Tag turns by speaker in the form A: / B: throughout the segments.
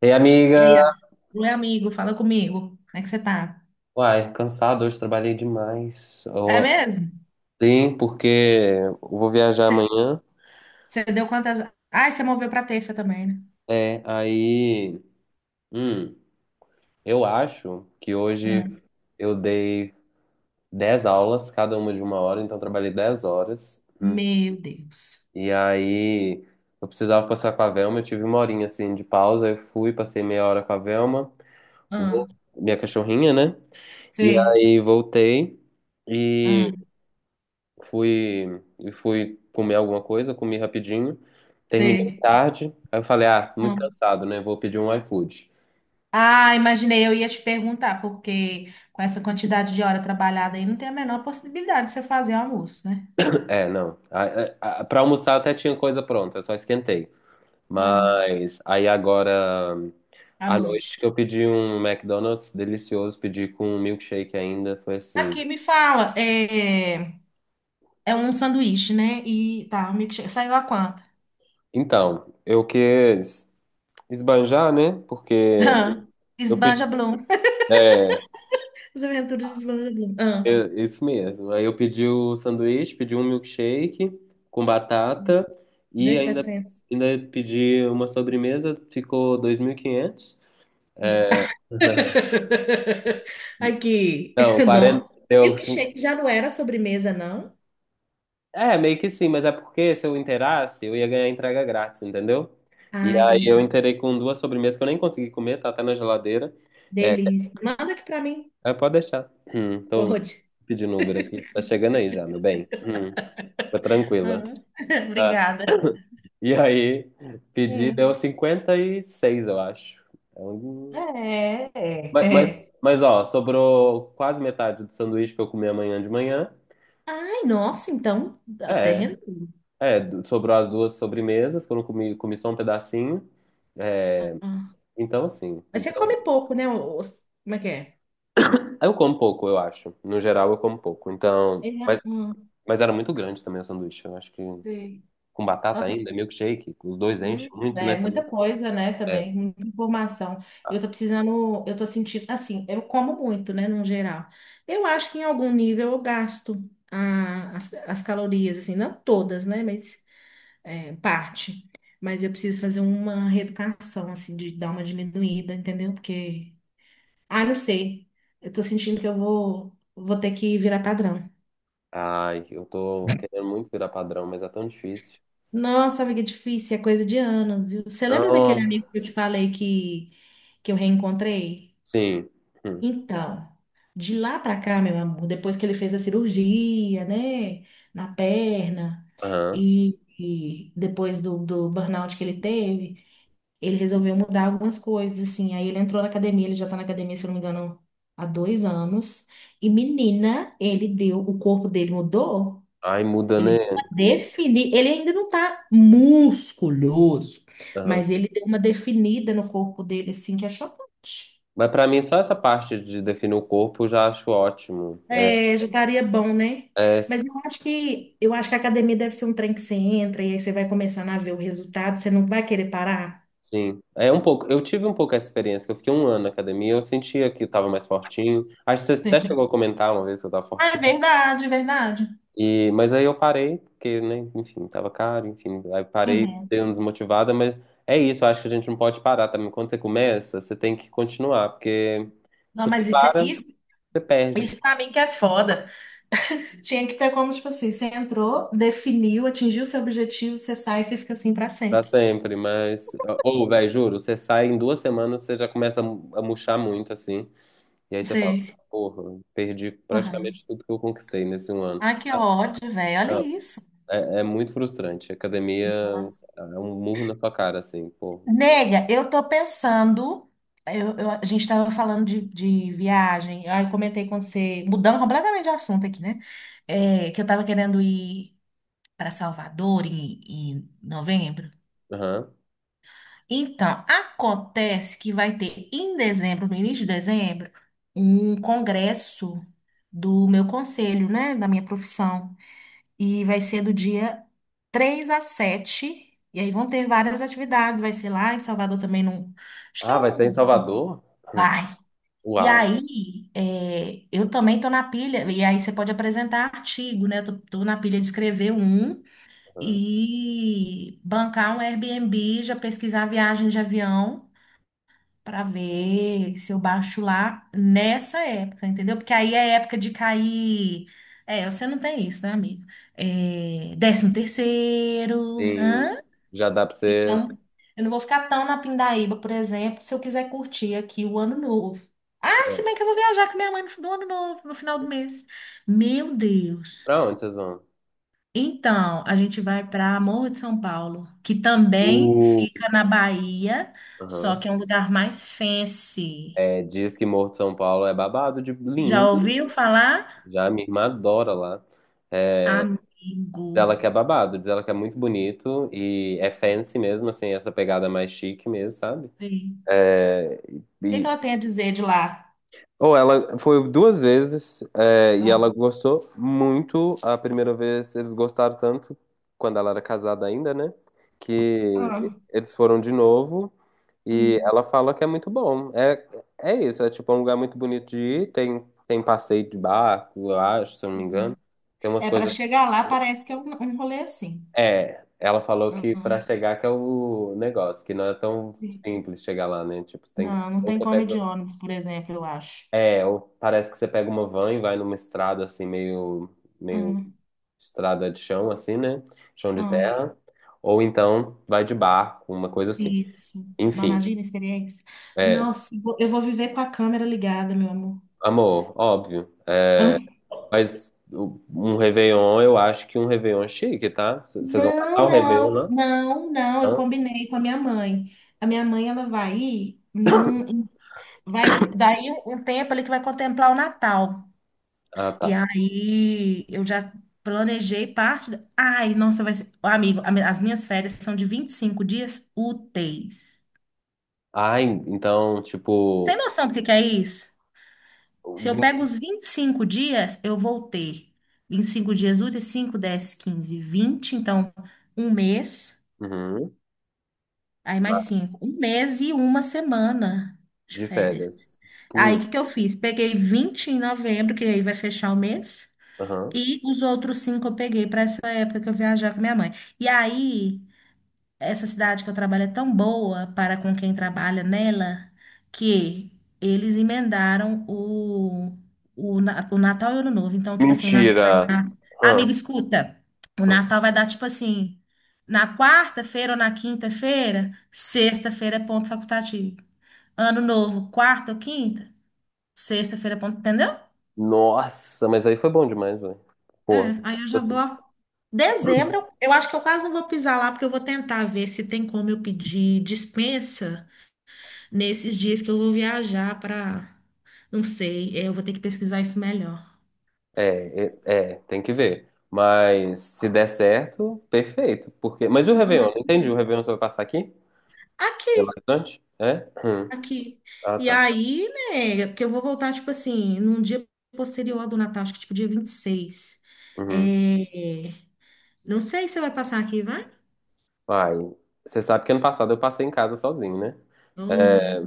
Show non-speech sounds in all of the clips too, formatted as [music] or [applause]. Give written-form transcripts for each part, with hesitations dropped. A: Ei,
B: E aí,
A: amiga!
B: ó, oi amigo, fala comigo. Como é que você tá?
A: Uai, cansado, hoje trabalhei demais.
B: É mesmo?
A: Sim, porque eu vou viajar
B: Você,
A: amanhã.
B: você deu quantas? Ai, você moveu pra terça também, né?
A: É, aí. hum, eu acho que hoje
B: Hum.
A: eu dei 10 aulas, cada uma de 1 hora, então eu trabalhei 10 horas.
B: Meu Deus.
A: E aí eu precisava passar com a Velma, eu tive uma horinha assim de pausa, eu fui, passei meia hora com a Velma,
B: Ah,
A: vol- minha cachorrinha, né? E
B: sei,
A: aí voltei.
B: ah,
A: Fui, e fui comer alguma coisa, comi rapidinho. Terminei
B: sei.
A: tarde. Aí eu falei, ah, muito
B: Hum.
A: cansado, né? Vou pedir um iFood.
B: Ah, imaginei, eu ia te perguntar, porque com essa quantidade de hora trabalhada aí, não tem a menor possibilidade de você fazer almoço, né?
A: É, não. Pra almoçar até tinha coisa pronta, eu só esquentei.
B: Ah,
A: Mas aí agora
B: à
A: à noite
B: noite.
A: que eu pedi um McDonald's delicioso, pedi com um milkshake ainda, foi assim.
B: Aqui, me fala, é um sanduíche, né? E tá, um milkshake. Saiu a quanto?
A: Então, eu quis esbanjar, né? Porque
B: [laughs]
A: eu
B: Esbanja
A: pedi,
B: Blum. As Aventuras de Slow Blum. Ah,
A: é, isso mesmo. Aí eu pedi o sanduíche, pedi um milkshake com batata e
B: v
A: ainda,
B: setecentos.
A: ainda pedi uma sobremesa, ficou 2.500.
B: [laughs] Aqui.
A: Não, 40,
B: Não. O
A: deu,
B: milkshake já não era sobremesa, não?
A: é, meio que sim, mas é porque se eu inteirasse, eu ia ganhar entrega grátis, entendeu? E
B: Ah,
A: aí eu
B: entendi.
A: inteirei com duas sobremesas que eu nem consegui comer, tá até na geladeira. É,
B: Delícia. Manda aqui pra mim.
A: é, pode deixar. Tô
B: Pode.
A: pedindo Uber aqui, tá chegando aí já, meu bem. Fica
B: Ah,
A: tranquila.
B: [laughs] obrigada.
A: E aí, pedi,
B: Hum.
A: deu 56 eu acho. É um-
B: É, é,
A: Mas, mas,
B: é.
A: mas, ó, sobrou quase metade do sanduíche que eu comi amanhã de manhã.
B: Ai, nossa, então, até
A: É,
B: rendeu.
A: é, sobrou as duas sobremesas, que eu não comi, comi só um pedacinho.
B: Ah,
A: É, então, assim,
B: mas você
A: então.
B: come pouco, né? Como é que é?
A: Eu como pouco, eu acho. No geral, eu como pouco. Então,
B: É,
A: mas,
B: hum,
A: mas era muito grande também o sanduíche. Eu acho que
B: sei.
A: com batata ainda, milkshake, os dois enchem
B: Hum,
A: muito, né,
B: É muita
A: também.
B: coisa, né,
A: É.
B: também, muita informação. Eu tô precisando, eu tô sentindo, assim, eu como muito, né, no geral. Eu acho que em algum nível eu gasto as calorias, assim, não todas, né, mas é, parte. Mas eu preciso fazer uma reeducação, assim, de dar uma diminuída, entendeu? Porque, ah, não sei, eu tô sentindo que eu vou ter que virar padrão.
A: Ai, eu tô querendo muito virar padrão, mas é tão difícil.
B: Nossa, amiga, é difícil, é coisa de anos, viu? Você lembra daquele amigo
A: Nossa,
B: que eu te falei que eu reencontrei?
A: sim. Hum.
B: Então, de lá pra cá, meu amor, depois que ele fez a cirurgia, né, na perna,
A: Aham.
B: e depois do burnout que ele teve, ele resolveu mudar algumas coisas, assim. Aí ele entrou na academia, ele já tá na academia, se eu não me engano, há 2 anos. E menina, ele deu, o corpo dele mudou,
A: Ai, muda,
B: ele
A: né?
B: deu uma definida, ele ainda não tá musculoso,
A: Aham.
B: mas ele deu uma definida no corpo dele, assim, que é chocante.
A: Mas pra mim, só essa parte de definir o corpo eu já acho ótimo. É,
B: É, já estaria bom, né?
A: é,
B: Mas eu acho que a academia deve ser um trem que você entra e aí você vai começando a ver o resultado, você não vai querer parar.
A: sim. É um pouco. Eu tive um pouco essa experiência, que eu fiquei um ano na academia, eu sentia que eu tava mais fortinho. Acho que você até
B: Sim.
A: chegou a comentar uma vez que eu tava
B: Ah, é
A: fortinho.
B: verdade, é verdade.
A: E, mas aí eu parei, porque, né, enfim, tava caro, enfim. Aí parei,
B: Uhum.
A: dei uma desmotivada, mas é isso, eu acho que a gente não pode parar também. Quando você começa, você tem que continuar, porque se
B: Não,
A: você
B: mas isso é
A: para,
B: isso,
A: você perde.
B: isso para mim que é foda. Tinha que ter como, tipo assim, você entrou, definiu, atingiu seu objetivo, você sai e você fica assim para
A: Pra
B: sempre.
A: sempre, mas. Ou, velho, juro, você sai em 2 semanas, você já começa a murchar muito, assim. E aí você fala,
B: Sim.
A: porra, perdi
B: Uhum.
A: praticamente tudo que eu conquistei nesse um ano.
B: Ah, que
A: Ah,
B: ódio, velho. Olha
A: não,
B: isso.
A: é muito frustrante. Academia é um murro na sua cara, assim, pô.
B: Nega, eu tô pensando. A gente estava falando de, viagem. Aí eu comentei com você, mudando completamente de assunto aqui, né? É, que eu tava querendo ir para Salvador em novembro.
A: Aham.
B: Então, acontece que vai ter em dezembro, no início de dezembro, um congresso do meu conselho, né? Da minha profissão. E vai ser do dia 3 a 7. E aí vão ter várias atividades. Vai ser lá em Salvador também, num. Acho que
A: Ah,
B: é
A: vai ser em
B: um.
A: Salvador? Hum.
B: Vai. E
A: Uai.
B: aí, é, eu também tô na pilha, e aí você pode apresentar artigo, né? Eu tô na pilha de escrever um
A: Aham.
B: e bancar um Airbnb, já pesquisar viagem de avião para ver se eu baixo lá nessa época, entendeu? Porque aí é época de cair. É, você não tem isso, né, amigo? É, 13º,
A: Sim.
B: hã?
A: Já dá pra você.
B: Então, eu não vou ficar tão na pindaíba, por exemplo, se eu quiser curtir aqui o ano novo. Ah, se
A: É,
B: bem que eu vou viajar com minha mãe no do ano novo, no final do mês. Meu Deus.
A: pra onde vocês vão?
B: Então, a gente vai para Morro de São Paulo, que também
A: Uh.
B: fica na Bahia, só
A: Aham.
B: que é um lugar mais fancy.
A: É, diz que Morro de São Paulo é babado de lindo.
B: Já ouviu falar?
A: Já minha irmã adora lá. É,
B: Amigo.
A: ela que é babado, diz ela que é muito bonito e é fancy mesmo, assim, essa pegada mais chique mesmo, sabe?
B: Sim.
A: É,
B: O que que
A: e,
B: ela tem a dizer de lá?
A: ou ela foi duas vezes é, e
B: Ah,
A: ela gostou muito. A primeira vez eles gostaram tanto, quando ela era casada ainda, né? Que
B: ah,
A: eles foram de novo e
B: hum,
A: ela fala que é muito bom. É, é isso, é tipo um lugar muito bonito de ir, tem passeio de barco, eu acho, se eu não me
B: hum.
A: engano. Tem umas
B: É para
A: coisas.
B: chegar lá, parece que é um rolê assim.
A: É, ela falou
B: Ah,
A: que pra
B: ah.
A: chegar que é o negócio, que não é tão simples chegar lá, né? Tipo, você tem que.
B: Não, não
A: Ou
B: tem
A: você
B: como ir de
A: pega.
B: ônibus, por exemplo, eu acho.
A: É, ou parece que você pega uma van e vai numa estrada assim, meio
B: Hum,
A: estrada de chão, assim, né? Chão de
B: hum,
A: terra. Ou então vai de barco, uma coisa assim.
B: isso. Não
A: Enfim,
B: imagina a experiência.
A: é,
B: Nossa, eu vou viver com a câmera ligada, meu amor.
A: amor, óbvio.
B: Hã?
A: Mas um Réveillon, eu acho que um Réveillon é chique, tá? Vocês vão passar
B: Não,
A: o Réveillon,
B: não,
A: né?
B: não, não. Eu
A: Hã?
B: combinei com a minha mãe. A minha mãe, ela vai ir num, vai, daí um tempo ali que vai contemplar o Natal.
A: Ah,
B: E
A: tá.
B: aí eu já planejei parte. Ai, nossa, vai ser. Ô, amigo, as minhas férias são de 25 dias úteis.
A: Ah, então,
B: Tem
A: tipo.
B: noção do que é isso? Se eu pego
A: vin-
B: os 25 dias, eu vou ter 25 dias úteis, 5, 10, 15, 20. Então, um mês,
A: Uhum.
B: aí mais cinco, um mês e uma semana de
A: De
B: férias.
A: férias.
B: Aí, o
A: Pô,
B: que que eu fiz? Peguei 20 em novembro, que aí vai fechar o mês.
A: aham.
B: E os outros cinco eu peguei para essa época que eu viajar com minha mãe. E aí, essa cidade que eu trabalho é tão boa para com quem trabalha nela que eles emendaram o Natal e o Ano Novo. Então, tipo assim, o Natal vai
A: Mentira.
B: dar. Amigo,
A: Hã?
B: escuta! O
A: Hã.
B: Natal vai dar, tipo assim, na quarta-feira ou na quinta-feira, sexta-feira é ponto facultativo. Ano Novo, quarta ou quinta, sexta-feira é ponto, entendeu?
A: Nossa, mas aí foi bom demais, velho.
B: É,
A: Porra,
B: aí eu
A: tipo
B: já
A: assim,
B: vou. Dezembro, eu acho que eu quase não vou pisar lá, porque eu vou tentar ver se tem como eu pedir dispensa. Nesses dias que eu vou viajar para, não sei, é, eu vou ter que pesquisar isso melhor.
A: é, é, tem que ver. Mas se der certo, perfeito. Mas e o
B: Não,
A: Réveillon?
B: mas
A: Não entendi. O Réveillon você vai passar aqui? Belo
B: aqui,
A: Horizonte? É? Hum.
B: aqui.
A: Ah,
B: E
A: tá.
B: aí, né, porque eu vou voltar, tipo assim, num dia posterior ao do Natal, acho que tipo dia 26.
A: Uhum.
B: É, não sei se você vai passar aqui, vai?
A: Ai, você sabe que ano passado eu passei em casa sozinho, né?
B: Ou, né?
A: É,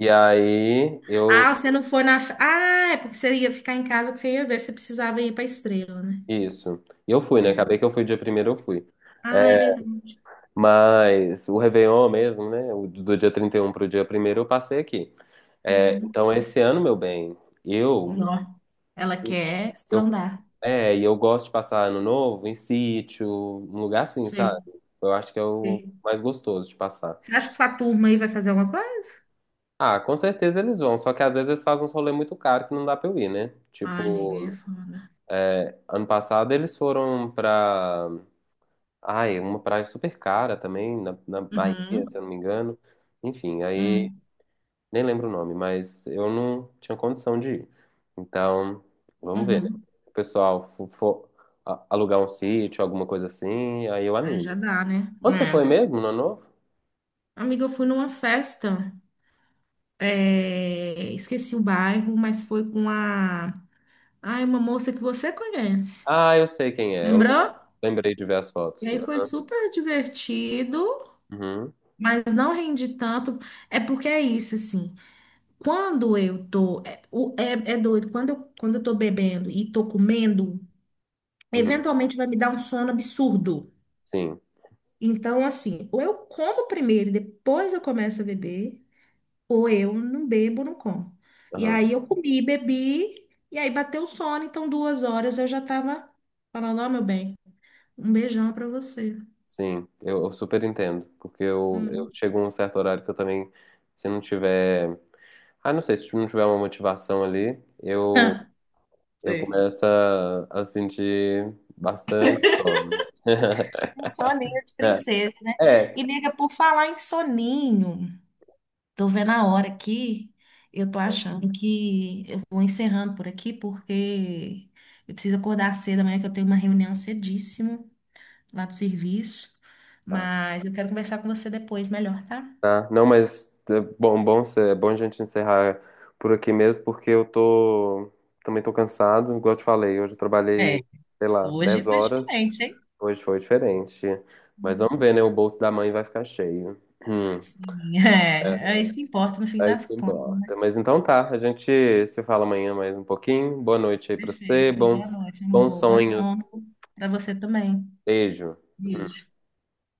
A: e aí
B: Ah,
A: eu.
B: você não foi na. Ah, é porque você ia ficar em casa que você ia ver se precisava ir pra estrela, né?
A: Isso. E eu fui, né?
B: É.
A: Acabei que eu fui dia primeiro, eu fui.
B: Ah, é
A: É,
B: verdade.
A: mas o Réveillon mesmo, né? O do dia 31 para o dia primeiro eu passei aqui. É,
B: Uhum.
A: então, esse ano, meu bem, eu,
B: Não, ela quer
A: eu,
B: estrondar.
A: e eu gosto de passar ano novo em sítio, um lugar assim, sabe?
B: Sim,
A: Eu acho que é o
B: sim.
A: mais gostoso de passar.
B: Você acha que sua turma aí vai fazer alguma coisa?
A: Ah, com certeza eles vão, só que às vezes eles fazem uns rolê muito caro que não dá pra eu ir, né?
B: Ai, amiga, aí é
A: Tipo,
B: foda.
A: ano passado eles foram pra. Ai, uma praia super cara também, na Bahia, se
B: Uhum,
A: eu não me engano. Enfim, aí.
B: uhum,
A: Nem lembro o nome, mas eu não tinha condição de ir. Então, vamos ver, né?
B: uhum.
A: O pessoal for, alugar um sítio, alguma coisa assim, aí eu
B: Aí já
A: animo.
B: dá, né?
A: Onde você foi
B: Né?
A: mesmo, no Ano Novo?
B: Amiga, eu fui numa festa, é, esqueci o bairro, mas foi com a, ai, uma moça que você conhece.
A: Ah, eu sei quem é. Eu
B: Lembrou?
A: lembrei de ver as
B: E
A: fotos.
B: aí foi super divertido,
A: Uhum,
B: mas não rendi tanto. É porque é isso, assim. Quando eu tô, é doido, quando eu, tô bebendo e tô comendo,
A: uhum,
B: eventualmente vai me dar um sono absurdo.
A: sim,
B: Então, assim, ou eu como primeiro e depois eu começo a beber, ou eu não bebo, não como. E
A: aham,
B: aí eu comi, bebi, e aí bateu o sono, então 2 horas eu já tava falando, ó, meu bem, um beijão pra você.
A: sim. Eu super entendo, porque eu
B: Hum.
A: chego a um certo horário que eu também, se não tiver... Ah, não sei, se não tiver uma motivação ali, eu,
B: [laughs]
A: eu
B: Sei.
A: começo a sentir bastante sono. [laughs]
B: Um soninho de
A: É,
B: princesa, né?
A: é.
B: E, nega, por falar em soninho, tô vendo a hora aqui, eu tô achando que eu vou encerrando por aqui, porque eu preciso acordar cedo amanhã, que eu tenho uma reunião cedíssimo. Lá do serviço,
A: Tá,
B: mas eu quero conversar com você depois melhor, tá?
A: tá. Não, mas é bom a gente encerrar por aqui mesmo, porque também tô cansado, igual eu te falei, hoje eu
B: É,
A: trabalhei, sei lá, 10
B: hoje foi
A: horas,
B: diferente, hein?
A: hoje foi diferente. Mas
B: Hum.
A: vamos ver, né? O bolso da mãe vai ficar cheio. Hum,
B: Sim, [laughs] é isso que importa no fim
A: é
B: das
A: isso que
B: contas.
A: importa. Mas então tá, a gente se fala amanhã mais um pouquinho. Boa noite aí pra você,
B: Perfeito. Boa
A: bons,
B: noite,
A: bons
B: amor. Bom
A: sonhos.
B: sono. Para você também.
A: Beijo.
B: Beijo.